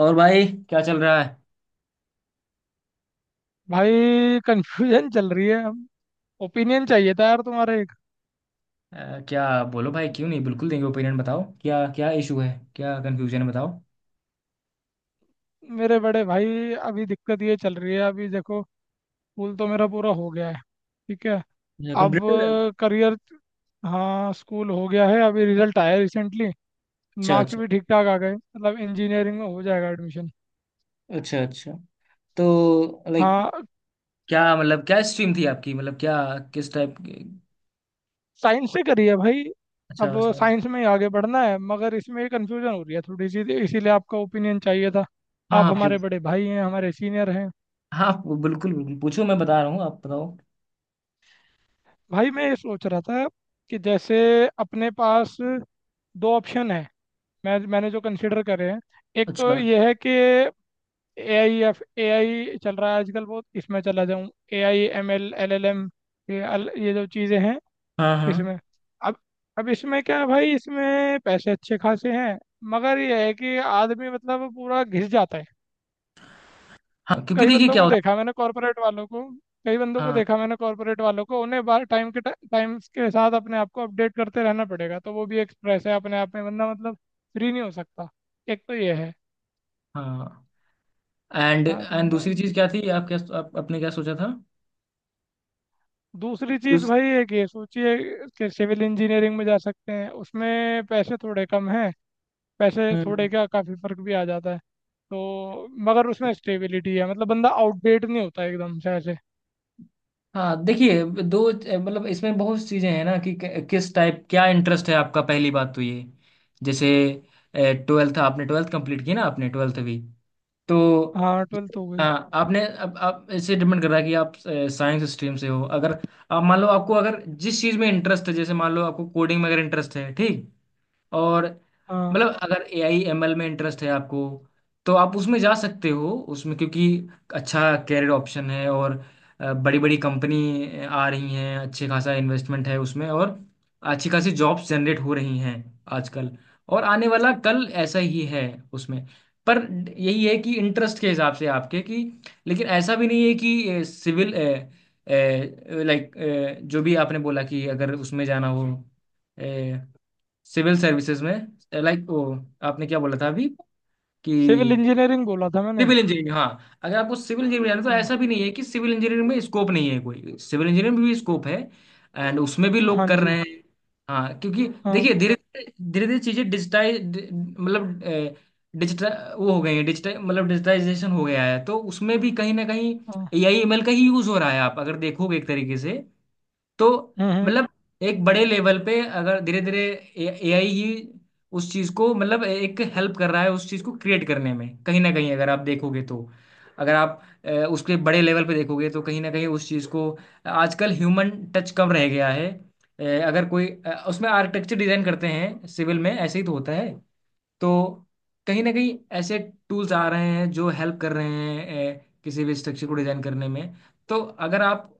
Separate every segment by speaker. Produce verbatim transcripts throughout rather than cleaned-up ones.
Speaker 1: और भाई क्या चल रहा है?
Speaker 2: भाई, कंफ्यूजन चल रही है। ओपिनियन चाहिए था यार तुम्हारे एक।
Speaker 1: अ, क्या बोलो भाई, क्यों नहीं, बिल्कुल देंगे ओपिनियन। बताओ क्या क्या इशू है, क्या कंफ्यूजन है, बताओ।
Speaker 2: मेरे बड़े भाई, अभी दिक्कत ये चल रही है। अभी देखो, स्कूल तो मेरा पूरा हो गया है। ठीक है। अब
Speaker 1: कंप्यूटर।
Speaker 2: करियर। हाँ, स्कूल हो गया है, अभी रिजल्ट आया रिसेंटली।
Speaker 1: अच्छा
Speaker 2: मार्क्स
Speaker 1: अच्छा।
Speaker 2: भी ठीक ठाक आ गए, मतलब इंजीनियरिंग में हो जाएगा एडमिशन।
Speaker 1: अच्छा अच्छा। तो लाइक
Speaker 2: हाँ,
Speaker 1: क्या मतलब, क्या स्ट्रीम थी आपकी, मतलब क्या, किस टाइप की?
Speaker 2: साइंस से करी है भाई। अब
Speaker 1: अच्छा, साइंस।
Speaker 2: साइंस में ही आगे बढ़ना है, मगर इसमें कंफ्यूजन हो रही है थोड़ी सी, इसीलिए आपका ओपिनियन चाहिए था।
Speaker 1: हाँ
Speaker 2: आप
Speaker 1: हाँ,
Speaker 2: हमारे
Speaker 1: पूछ-
Speaker 2: बड़े भाई हैं, हमारे सीनियर हैं।
Speaker 1: हाँ, बिल्कुल बिल्कुल पूछो, मैं बता रहा हूँ, आप बताओ।
Speaker 2: भाई, मैं ये सोच रहा था कि जैसे अपने पास दो ऑप्शन है। मैं मैंने जो कंसिडर करे हैं, एक तो
Speaker 1: अच्छा।
Speaker 2: ये है कि A I, F A I चल रहा है आजकल बहुत, इसमें चला जाऊँ। A I M L, L L M, ये अल- ये जो चीज़ें हैं
Speaker 1: हाँ हाँ
Speaker 2: इसमें। अब अब इसमें क्या है भाई, इसमें पैसे अच्छे खासे हैं, मगर ये है कि आदमी मतलब पूरा घिस जाता है।
Speaker 1: हाँ, क्योंकि
Speaker 2: कई
Speaker 1: देखिए
Speaker 2: बंदों
Speaker 1: क्या
Speaker 2: को
Speaker 1: होता
Speaker 2: देखा मैंने कॉर्पोरेट वालों को कई बंदों
Speaker 1: है।
Speaker 2: को
Speaker 1: हाँ
Speaker 2: देखा मैंने कॉर्पोरेट वालों को, उन्हें बार टाइम के टाइम के साथ अपने आप को अपडेट करते रहना पड़ेगा, तो वो भी एक स्ट्रेस है अपने आप में। बंदा मतलब फ्री नहीं हो सकता। एक तो ये है।
Speaker 1: हाँ। एंड
Speaker 2: हाँ तो
Speaker 1: एंड दूसरी
Speaker 2: ब-
Speaker 1: चीज़ क्या थी, आप क्या आप, आपने क्या सोचा था?
Speaker 2: दूसरी चीज़
Speaker 1: दूस-
Speaker 2: भाई, एक ये सोचिए कि सिविल इंजीनियरिंग में जा सकते हैं, उसमें पैसे थोड़े कम हैं। पैसे थोड़े
Speaker 1: हम्म।
Speaker 2: क्या, काफ़ी फर्क भी आ जाता है। तो मगर उसमें स्टेबिलिटी है, मतलब बंदा आउटडेट नहीं होता एकदम से ऐसे।
Speaker 1: हाँ देखिए, दो मतलब इसमें बहुत चीज़ें हैं ना कि कि- किस टाइप, क्या इंटरेस्ट है आपका, पहली बात तो ये। जैसे ट्वेल्थ, आपने ट्वेल्थ कंप्लीट की ना, आपने ट्वेल्थ भी तो।
Speaker 2: हाँ, ट्वेल्थ हो गई।
Speaker 1: हाँ, आपने अब आप इससे डिपेंड कर रहा है कि आप साइंस स्ट्रीम से हो। अगर आप मान लो आपको अगर जिस चीज़ में इंटरेस्ट है, जैसे मान लो आपको कोडिंग में अगर इंटरेस्ट है, ठीक। और
Speaker 2: हाँ,
Speaker 1: मतलब अगर ए आई एम एल में इंटरेस्ट है आपको, तो आप उसमें जा सकते हो उसमें, क्योंकि अच्छा कैरियर ऑप्शन है। और बड़ी बड़ी कंपनी आ रही हैं, अच्छे खासा इन्वेस्टमेंट है उसमें। और अच्छी खासी जॉब्स जनरेट हो रही हैं आजकल। और आने वाला कल ऐसा ही है उसमें। पर यही है कि इंटरेस्ट के हिसाब से आपके कि, लेकिन ऐसा भी नहीं है कि सिविल, लाइक, जो भी आपने बोला कि अगर उसमें जाना हो सिविल सर्विसेज में, लाइक वो आपने क्या बोला था अभी कि
Speaker 2: सिविल इंजीनियरिंग बोला था मैंने।
Speaker 1: सिविल इंजीनियरिंग, हाँ, अगर आपको सिविल इंजीनियरिंग जाना है, तो
Speaker 2: हाँ।
Speaker 1: ऐसा भी नहीं है कि सिविल इंजीनियरिंग में स्कोप नहीं है कोई। सिविल इंजीनियरिंग में भी स्कोप है। एंड उसमें भी लोग
Speaker 2: हाँ
Speaker 1: कर
Speaker 2: जी।
Speaker 1: रहे हैं। हाँ, क्योंकि
Speaker 2: हाँ।
Speaker 1: देखिए धीरे धीरे धीरे चीज़ें डिजिटाइज, मतलब डिजिटल, वो हो गई है डिजिटल, मतलब डिजिटाइजेशन हो गया है, तो उसमें भी कहीं ना कहीं
Speaker 2: हाँ।
Speaker 1: ए आई एम एल का ही यूज़ हो रहा है, आप अगर देखोगे एक तरीके से। तो
Speaker 2: हम्म। हम्म।
Speaker 1: मतलब एक बड़े लेवल पे अगर धीरे धीरे एआई ही उस चीज को, मतलब एक हेल्प कर रहा है उस चीज को क्रिएट करने में, कहीं ना कहीं, अगर आप देखोगे तो। अगर आप अ, उसके बड़े लेवल पे देखोगे, तो कहीं ना कहीं उस चीज को, आजकल ह्यूमन टच कम रह गया है। अ, अगर कोई अ, उसमें आर्किटेक्चर डिजाइन करते हैं, सिविल में ऐसे ही तो होता है। तो कहीं ना कहीं ऐसे टूल्स आ रहे हैं जो हेल्प कर रहे हैं अ, किसी भी स्ट्रक्चर को डिजाइन करने में। तो अगर आप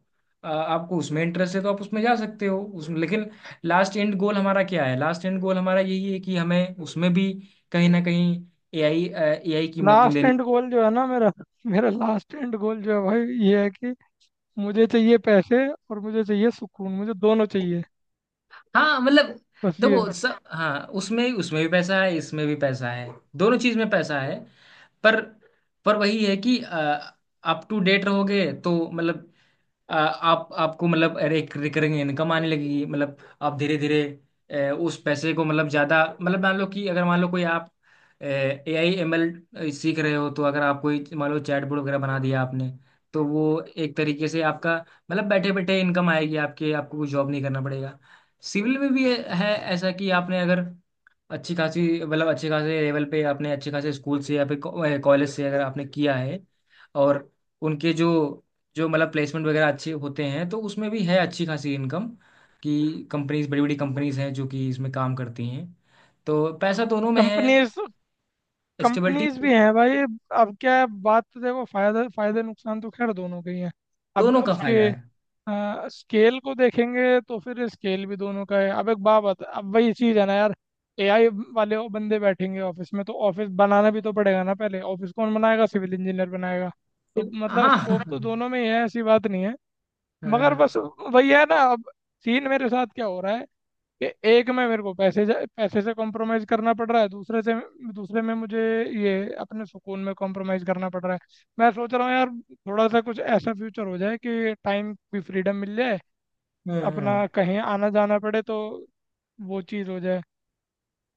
Speaker 1: आ, आपको उसमें इंटरेस्ट है तो आप उसमें जा सकते हो उसमें, लेकिन लास्ट एंड गोल हमारा क्या है, लास्ट एंड गोल हमारा यही है कि हमें उसमें भी कहीं ना कहीं एआई, एआई की मदद
Speaker 2: लास्ट
Speaker 1: लेनी।
Speaker 2: एंड गोल जो है ना मेरा, मेरा लास्ट एंड गोल जो है भाई, ये है कि मुझे चाहिए पैसे और मुझे चाहिए सुकून, मुझे दोनों चाहिए।
Speaker 1: हाँ मतलब
Speaker 2: बस ये।
Speaker 1: देखो सब, हाँ उसमें, उसमें भी पैसा है, इसमें भी पैसा है, दोनों चीज में पैसा है। पर पर वही है कि अप टू डेट रहोगे तो मतलब आ, आप आपको मतलब, अरे एक रिकरिंग इनकम आने लगेगी मतलब। आप धीरे धीरे अ, उस पैसे को मतलब ज़्यादा, मतलब मान लो कि, अगर मान लो कोई आप ए आई एम एल सीख रहे हो तो अगर आप कोई मान लो चैटबॉट वगैरह बना दिया आपने, तो वो एक तरीके से आपका, मतलब बैठे बैठे इनकम आएगी आपके, आपको कोई जॉब नहीं करना पड़ेगा। सिविल में भी है, है ऐसा कि आपने अगर अच्छी खासी, मतलब अच्छे खासे लेवल पे, आपने अच्छे खासे स्कूल से या फिर कॉलेज से अगर आपने किया है, और उनके जो जो मतलब प्लेसमेंट वगैरह अच्छे होते हैं, तो उसमें भी है अच्छी खासी इनकम, कि कंपनीज, बड़ी बड़ी कंपनीज हैं जो कि इसमें काम करती हैं। तो पैसा दोनों में है,
Speaker 2: कंपनीज, कंपनीज
Speaker 1: स्टेबिलिटी,
Speaker 2: भी हैं भाई। अब क्या है बात, तो देखो, फायदा, फायदे नुकसान तो खैर दोनों के ही हैं। अब
Speaker 1: दोनों का
Speaker 2: उसके
Speaker 1: फायदा है।
Speaker 2: आ, स्केल को देखेंगे तो फिर स्केल भी दोनों का है। अब एक बात बता, अब वही चीज़ है ना यार, ए आई वाले वो बंदे बैठेंगे ऑफिस में, तो ऑफिस बनाना भी तो पड़ेगा ना। पहले ऑफिस कौन बनाएगा? सिविल इंजीनियर बनाएगा। तो मतलब
Speaker 1: हाँ हाँ।
Speaker 2: स्कोप तो दोनों में ही है, ऐसी बात नहीं है। मगर
Speaker 1: हाँ।
Speaker 2: बस वही है ना। अब सीन मेरे साथ क्या हो रहा है कि एक में मेरे को पैसे जा- पैसे से कॉम्प्रोमाइज़ करना पड़ रहा है, दूसरे से दूसरे में मुझे ये अपने सुकून में कॉम्प्रोमाइज़ करना पड़ रहा है। मैं सोच रहा हूँ यार, थोड़ा सा कुछ ऐसा फ्यूचर हो जाए कि टाइम की फ्रीडम मिल जाए,
Speaker 1: हम्म।
Speaker 2: अपना कहीं आना जाना पड़े तो वो चीज़ हो जाए।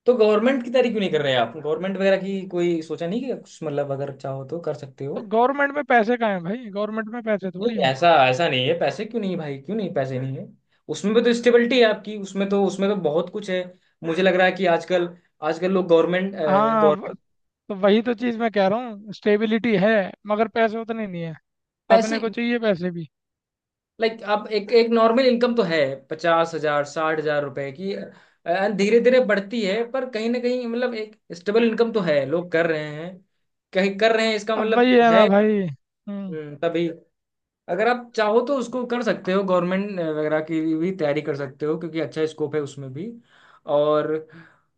Speaker 1: तो गवर्नमेंट की तैयारी क्यों नहीं कर रहे आप, गवर्नमेंट वगैरह की कोई सोचा नहीं कि कुछ, मतलब अगर चाहो तो कर सकते हो।
Speaker 2: तो गवर्नमेंट में पैसे कहाँ हैं भाई? गवर्नमेंट में पैसे
Speaker 1: नहीं,
Speaker 2: थोड़ी हैं।
Speaker 1: ऐसा ऐसा नहीं है, पैसे क्यों नहीं भाई, क्यों नहीं पैसे नहीं है, उसमें भी तो स्टेबिलिटी है आपकी उसमें तो, उसमें तो बहुत कुछ है। मुझे लग रहा है कि आजकल, आजकल लोग गवर्नमेंट
Speaker 2: हाँ व-
Speaker 1: गवर्नमेंट
Speaker 2: तो वही तो चीज़ मैं कह रहा हूँ, स्टेबिलिटी है मगर पैसे उतने नहीं है।
Speaker 1: पैसे,
Speaker 2: अपने को चाहिए पैसे भी।
Speaker 1: लाइक आप एक एक नॉर्मल इनकम तो है, पचास हजार साठ हजार रुपए की, धीरे धीरे बढ़ती है, पर कहीं ना कहीं मतलब एक स्टेबल इनकम तो है, लोग कर रहे हैं, कहीं कर रहे हैं, इसका
Speaker 2: अब वही
Speaker 1: मतलब
Speaker 2: है ना
Speaker 1: है।
Speaker 2: भाई। हम्म।
Speaker 1: हम्म, तभी अगर आप चाहो तो उसको कर सकते हो, गवर्नमेंट वगैरह की भी तैयारी कर सकते हो, क्योंकि अच्छा स्कोप है उसमें भी। और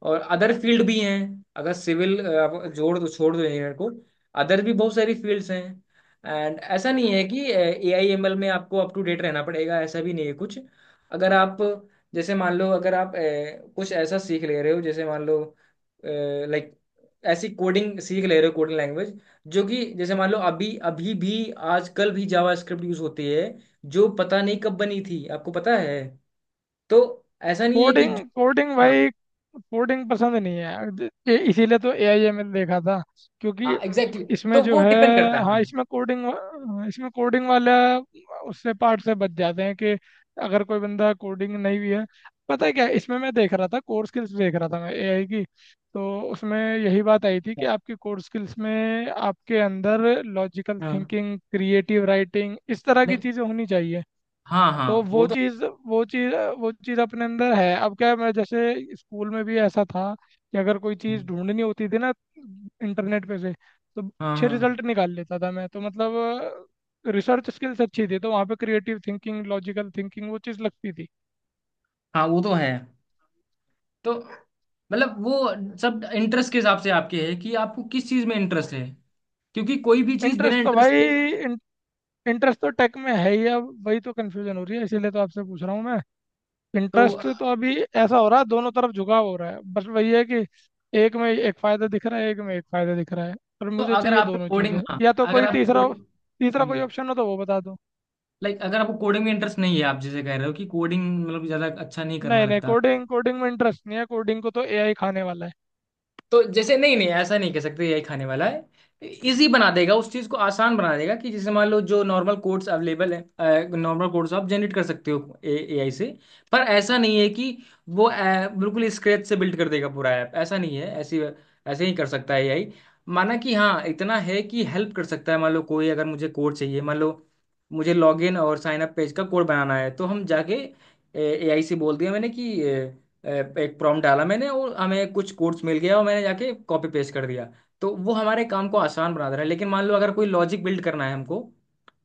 Speaker 1: और अदर फील्ड भी हैं, अगर सिविल आप जोड़ दो छोड़ दो इंजीनियर को, अदर भी बहुत सारी फील्ड्स हैं। एंड ऐसा नहीं है कि ए आई एम एल में आपको अप टू डेट रहना पड़ेगा, ऐसा भी नहीं है कुछ। अगर आप, जैसे मान लो अगर आप अ, कुछ ऐसा सीख ले रहे हो, जैसे मान लो, लाइक ऐसी कोडिंग सीख ले रहे हो, कोडिंग लैंग्वेज, जो कि जैसे मान लो अभी, अभी भी आजकल भी जावास्क्रिप्ट यूज होती है, जो पता नहीं कब बनी थी, आपको पता है। तो ऐसा नहीं है कि जो-
Speaker 2: कोडिंग, कोडिंग
Speaker 1: हाँ
Speaker 2: भाई। कोडिंग पसंद नहीं है, ज- ये- इसीलिए तो ए आई एम एल देखा था। क्योंकि
Speaker 1: हाँ एग्जैक्टली।
Speaker 2: इसमें
Speaker 1: तो
Speaker 2: जो
Speaker 1: वो
Speaker 2: है,
Speaker 1: डिपेंड करता है।
Speaker 2: हाँ,
Speaker 1: हाँ
Speaker 2: इसमें कोडिंग इसमें कोडिंग वाला उससे पार्ट से बच जाते हैं कि अगर कोई बंदा कोडिंग नहीं भी है। पता है क्या, इसमें मैं देख रहा था, कोर स्किल्स देख रहा था मैं ए आई की, तो उसमें यही बात आई थी कि आपकी कोर स्किल्स में आपके अंदर लॉजिकल
Speaker 1: हाँ हाँ,
Speaker 2: थिंकिंग, क्रिएटिव राइटिंग, इस तरह की
Speaker 1: नहीं,
Speaker 2: चीज़ें होनी चाहिए।
Speaker 1: हाँ हाँ
Speaker 2: तो
Speaker 1: वो
Speaker 2: वो
Speaker 1: तो,
Speaker 2: चीज वो चीज वो चीज अपने अंदर है। अब क्या है, मैं जैसे स्कूल में भी ऐसा था कि अगर कोई चीज ढूंढनी होती थी ना इंटरनेट पे से, तो
Speaker 1: हाँ
Speaker 2: अच्छे
Speaker 1: हाँ
Speaker 2: रिजल्ट निकाल लेता था मैं, तो मतलब रिसर्च स्किल्स अच्छी थी, तो वहाँ पे क्रिएटिव थिंकिंग, लॉजिकल थिंकिंग, वो चीज लगती थी।
Speaker 1: हाँ वो तो है। तो मतलब वो सब इंटरेस्ट के हिसाब से आपके है कि आपको किस चीज में इंटरेस्ट है, क्योंकि कोई भी चीज बिना
Speaker 2: इंटरेस्ट तो
Speaker 1: इंटरेस्ट के,
Speaker 2: भाई इंटरेस्ट तो टेक में है ही, अब वही तो कन्फ्यूजन हो रही है, इसीलिए तो आपसे पूछ रहा हूँ मैं।
Speaker 1: तो
Speaker 2: इंटरेस्ट तो अभी ऐसा हो रहा है, दोनों तरफ झुकाव हो रहा है, बस वही है कि एक में एक फायदा दिख रहा है, एक में एक फायदा दिख रहा है, पर
Speaker 1: तो
Speaker 2: मुझे
Speaker 1: अगर
Speaker 2: चाहिए
Speaker 1: आपको
Speaker 2: दोनों
Speaker 1: कोडिंग,
Speaker 2: चीजें।
Speaker 1: हाँ
Speaker 2: या तो
Speaker 1: अगर
Speaker 2: कोई
Speaker 1: आप
Speaker 2: तीसरा,
Speaker 1: कोडिंग,
Speaker 2: तीसरा कोई ऑप्शन हो तो वो बता दो।
Speaker 1: लाइक अगर आपको कोडिंग में इंटरेस्ट नहीं है, आप जैसे कह रहे हो कि कोडिंग मतलब ज्यादा अच्छा नहीं करना
Speaker 2: नहीं नहीं,
Speaker 1: लगता,
Speaker 2: कोडिंग, कोडिंग में इंटरेस्ट नहीं है, कोडिंग को तो ए आई खाने वाला है।
Speaker 1: तो जैसे, नहीं नहीं ऐसा नहीं कह सकते यही खाने वाला है, इजी बना देगा उस चीज को, आसान बना देगा, कि जैसे मान लो जो नॉर्मल कोड्स अवेलेबल है, नॉर्मल कोड्स आप जनरेट कर सकते हो एआई से। पर ऐसा नहीं है कि वो अ, बिल्कुल स्क्रैच से बिल्ड कर देगा पूरा ऐप, ऐसा नहीं है, ऐसी ऐसे ही कर सकता है एआई, माना कि हाँ इतना है कि हेल्प कर सकता है। मान लो कोई अगर मुझे कोड चाहिए, मान लो मुझे लॉगिन और साइन अप पेज का कोड बनाना है, तो हम जाके एआई से बोल दिया मैंने कि अ, एक प्रॉम्प्ट डाला मैंने और हमें कुछ कोड्स मिल गया और मैंने जाके कॉपी पेस्ट कर दिया, तो वो हमारे काम को आसान बना दे रहा है। लेकिन मान लो अगर कोई लॉजिक बिल्ड करना है हमको,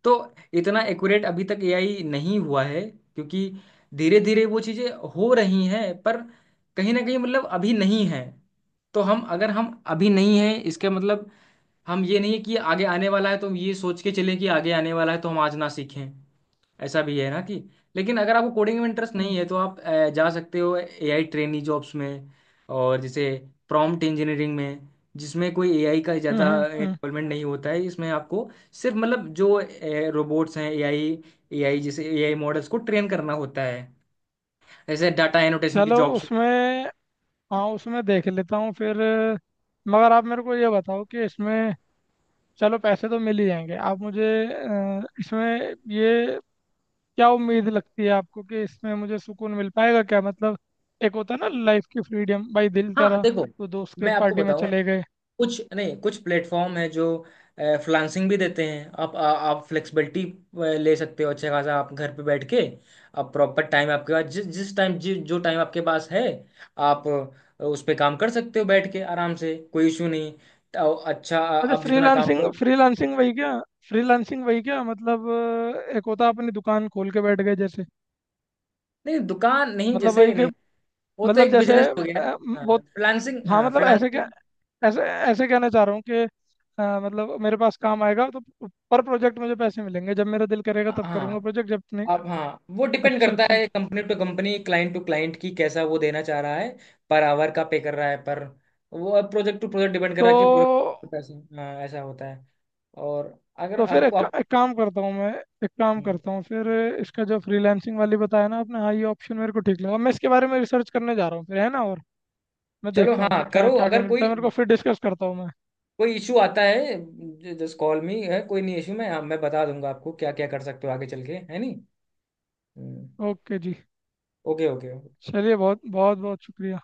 Speaker 1: तो इतना एक्यूरेट अभी तक एआई नहीं हुआ है, क्योंकि धीरे धीरे वो चीज़ें हो रही हैं, पर कहीं ना कहीं मतलब अभी नहीं है। तो हम अगर हम अभी नहीं है इसका मतलब हम ये नहीं है कि आगे आने वाला है, तो हम ये सोच के चलें कि आगे आने वाला है तो हम आज ना सीखें, ऐसा भी है ना कि। लेकिन अगर आपको कोडिंग में इंटरेस्ट
Speaker 2: हम्म।
Speaker 1: नहीं है तो आप अ, जा सकते हो एआई ट्रेनी जॉब्स में, और जैसे प्रॉम्प्ट इंजीनियरिंग में, जिसमें कोई एआई का
Speaker 2: हम्म।
Speaker 1: ज़्यादा
Speaker 2: हम्म। हम्म।
Speaker 1: इन्वॉल्वमेंट नहीं होता है, इसमें आपको सिर्फ मतलब जो रोबोट्स हैं एआई, एआई जैसे एआई मॉडल्स को ट्रेन करना होता है, जैसे डाटा एनोटेशन की
Speaker 2: चलो
Speaker 1: जॉब्स।
Speaker 2: उसमें, हाँ, उसमें देख लेता हूँ फिर। मगर आप मेरे को ये बताओ कि इसमें, चलो पैसे तो मिल ही जाएंगे, आप मुझे अ, इसमें ये क्या उम्मीद लगती है आपको कि इसमें मुझे सुकून मिल पाएगा क्या? मतलब एक होता है ना लाइफ की फ्रीडम भाई, दिल
Speaker 1: हाँ
Speaker 2: करा
Speaker 1: देखो
Speaker 2: तो दोस्त के
Speaker 1: मैं आपको
Speaker 2: पार्टी में
Speaker 1: बताऊं,
Speaker 2: चले गए।
Speaker 1: कुछ नहीं, कुछ प्लेटफॉर्म है जो फ्रीलांसिंग भी देते हैं, आप आ, आप फ्लेक्सिबिलिटी ले सकते हो अच्छा खासा, आप घर पे बैठ के, आप प्रॉपर टाइम आपके पास, जिस जिस टाइम जि, जो टाइम आपके पास है, आप अ, उस पे काम कर सकते हो बैठ के आराम से, कोई इशू नहीं। तो अच्छा, आ,
Speaker 2: अच्छा,
Speaker 1: आप जितना काम
Speaker 2: फ्रीलांसिंग,
Speaker 1: करो।
Speaker 2: फ्रीलांसिंग वही क्या फ्रीलांसिंग वही क्या मतलब, अ, एक होता है अपनी दुकान खोल के बैठ गए जैसे।
Speaker 1: नहीं, दुकान नहीं
Speaker 2: मतलब
Speaker 1: जैसे,
Speaker 2: वही के,
Speaker 1: नहीं, वो तो
Speaker 2: मतलब
Speaker 1: एक
Speaker 2: जैसे
Speaker 1: बिजनेस हो गया।
Speaker 2: अ,
Speaker 1: हाँ,
Speaker 2: वो,
Speaker 1: फ्रीलांसिंग,
Speaker 2: हाँ,
Speaker 1: हाँ,
Speaker 2: मतलब ऐसे क्या,
Speaker 1: फ्रीलांसिंग।
Speaker 2: ऐसे ऐसे कहना चाह रहा हूँ कि अ, मतलब मेरे पास काम आएगा तो पर प्रोजेक्ट मुझे पैसे मिलेंगे, जब मेरा दिल करेगा तब
Speaker 1: हाँ
Speaker 2: करूँगा प्रोजेक्ट, जब नहीं।
Speaker 1: आप, हाँ, वो डिपेंड
Speaker 2: अच्छा,
Speaker 1: करता
Speaker 2: अच्छा,
Speaker 1: है
Speaker 2: अच्छा।
Speaker 1: Company to company, client to client की, कैसा वो देना चाह रहा है, पर आवर का पे कर रहा है, पर वो अब प्रोजेक्ट टू प्रोजेक्ट डिपेंड कर
Speaker 2: तो
Speaker 1: रहा है कि पूरे पैसे, हाँ ऐसा होता है। और अगर
Speaker 2: तो फिर
Speaker 1: आपको
Speaker 2: एक,
Speaker 1: आप,
Speaker 2: एक काम करता हूँ मैं एक काम करता हूँ फिर। इसका जो फ्रीलांसिंग वाली बताया ना आपने, हाँ, ये ऑप्शन मेरे को ठीक लगा, मैं इसके बारे में रिसर्च करने जा रहा हूँ फिर, है ना? और मैं
Speaker 1: चलो
Speaker 2: देखता हूँ फिर
Speaker 1: हाँ
Speaker 2: क्या
Speaker 1: करो,
Speaker 2: क्या क्या
Speaker 1: अगर
Speaker 2: मिलता है
Speaker 1: कोई
Speaker 2: मेरे को, फिर डिस्कस करता हूँ मैं।
Speaker 1: कोई इशू आता है जस्ट कॉल मी, है कोई नहीं इशू, मैं, हाँ, मैं बता दूंगा आपको क्या क्या कर सकते हो आगे चल के, है नहीं।
Speaker 2: ओके जी।
Speaker 1: Okay okay.
Speaker 2: चलिए, बहुत बहुत बहुत शुक्रिया।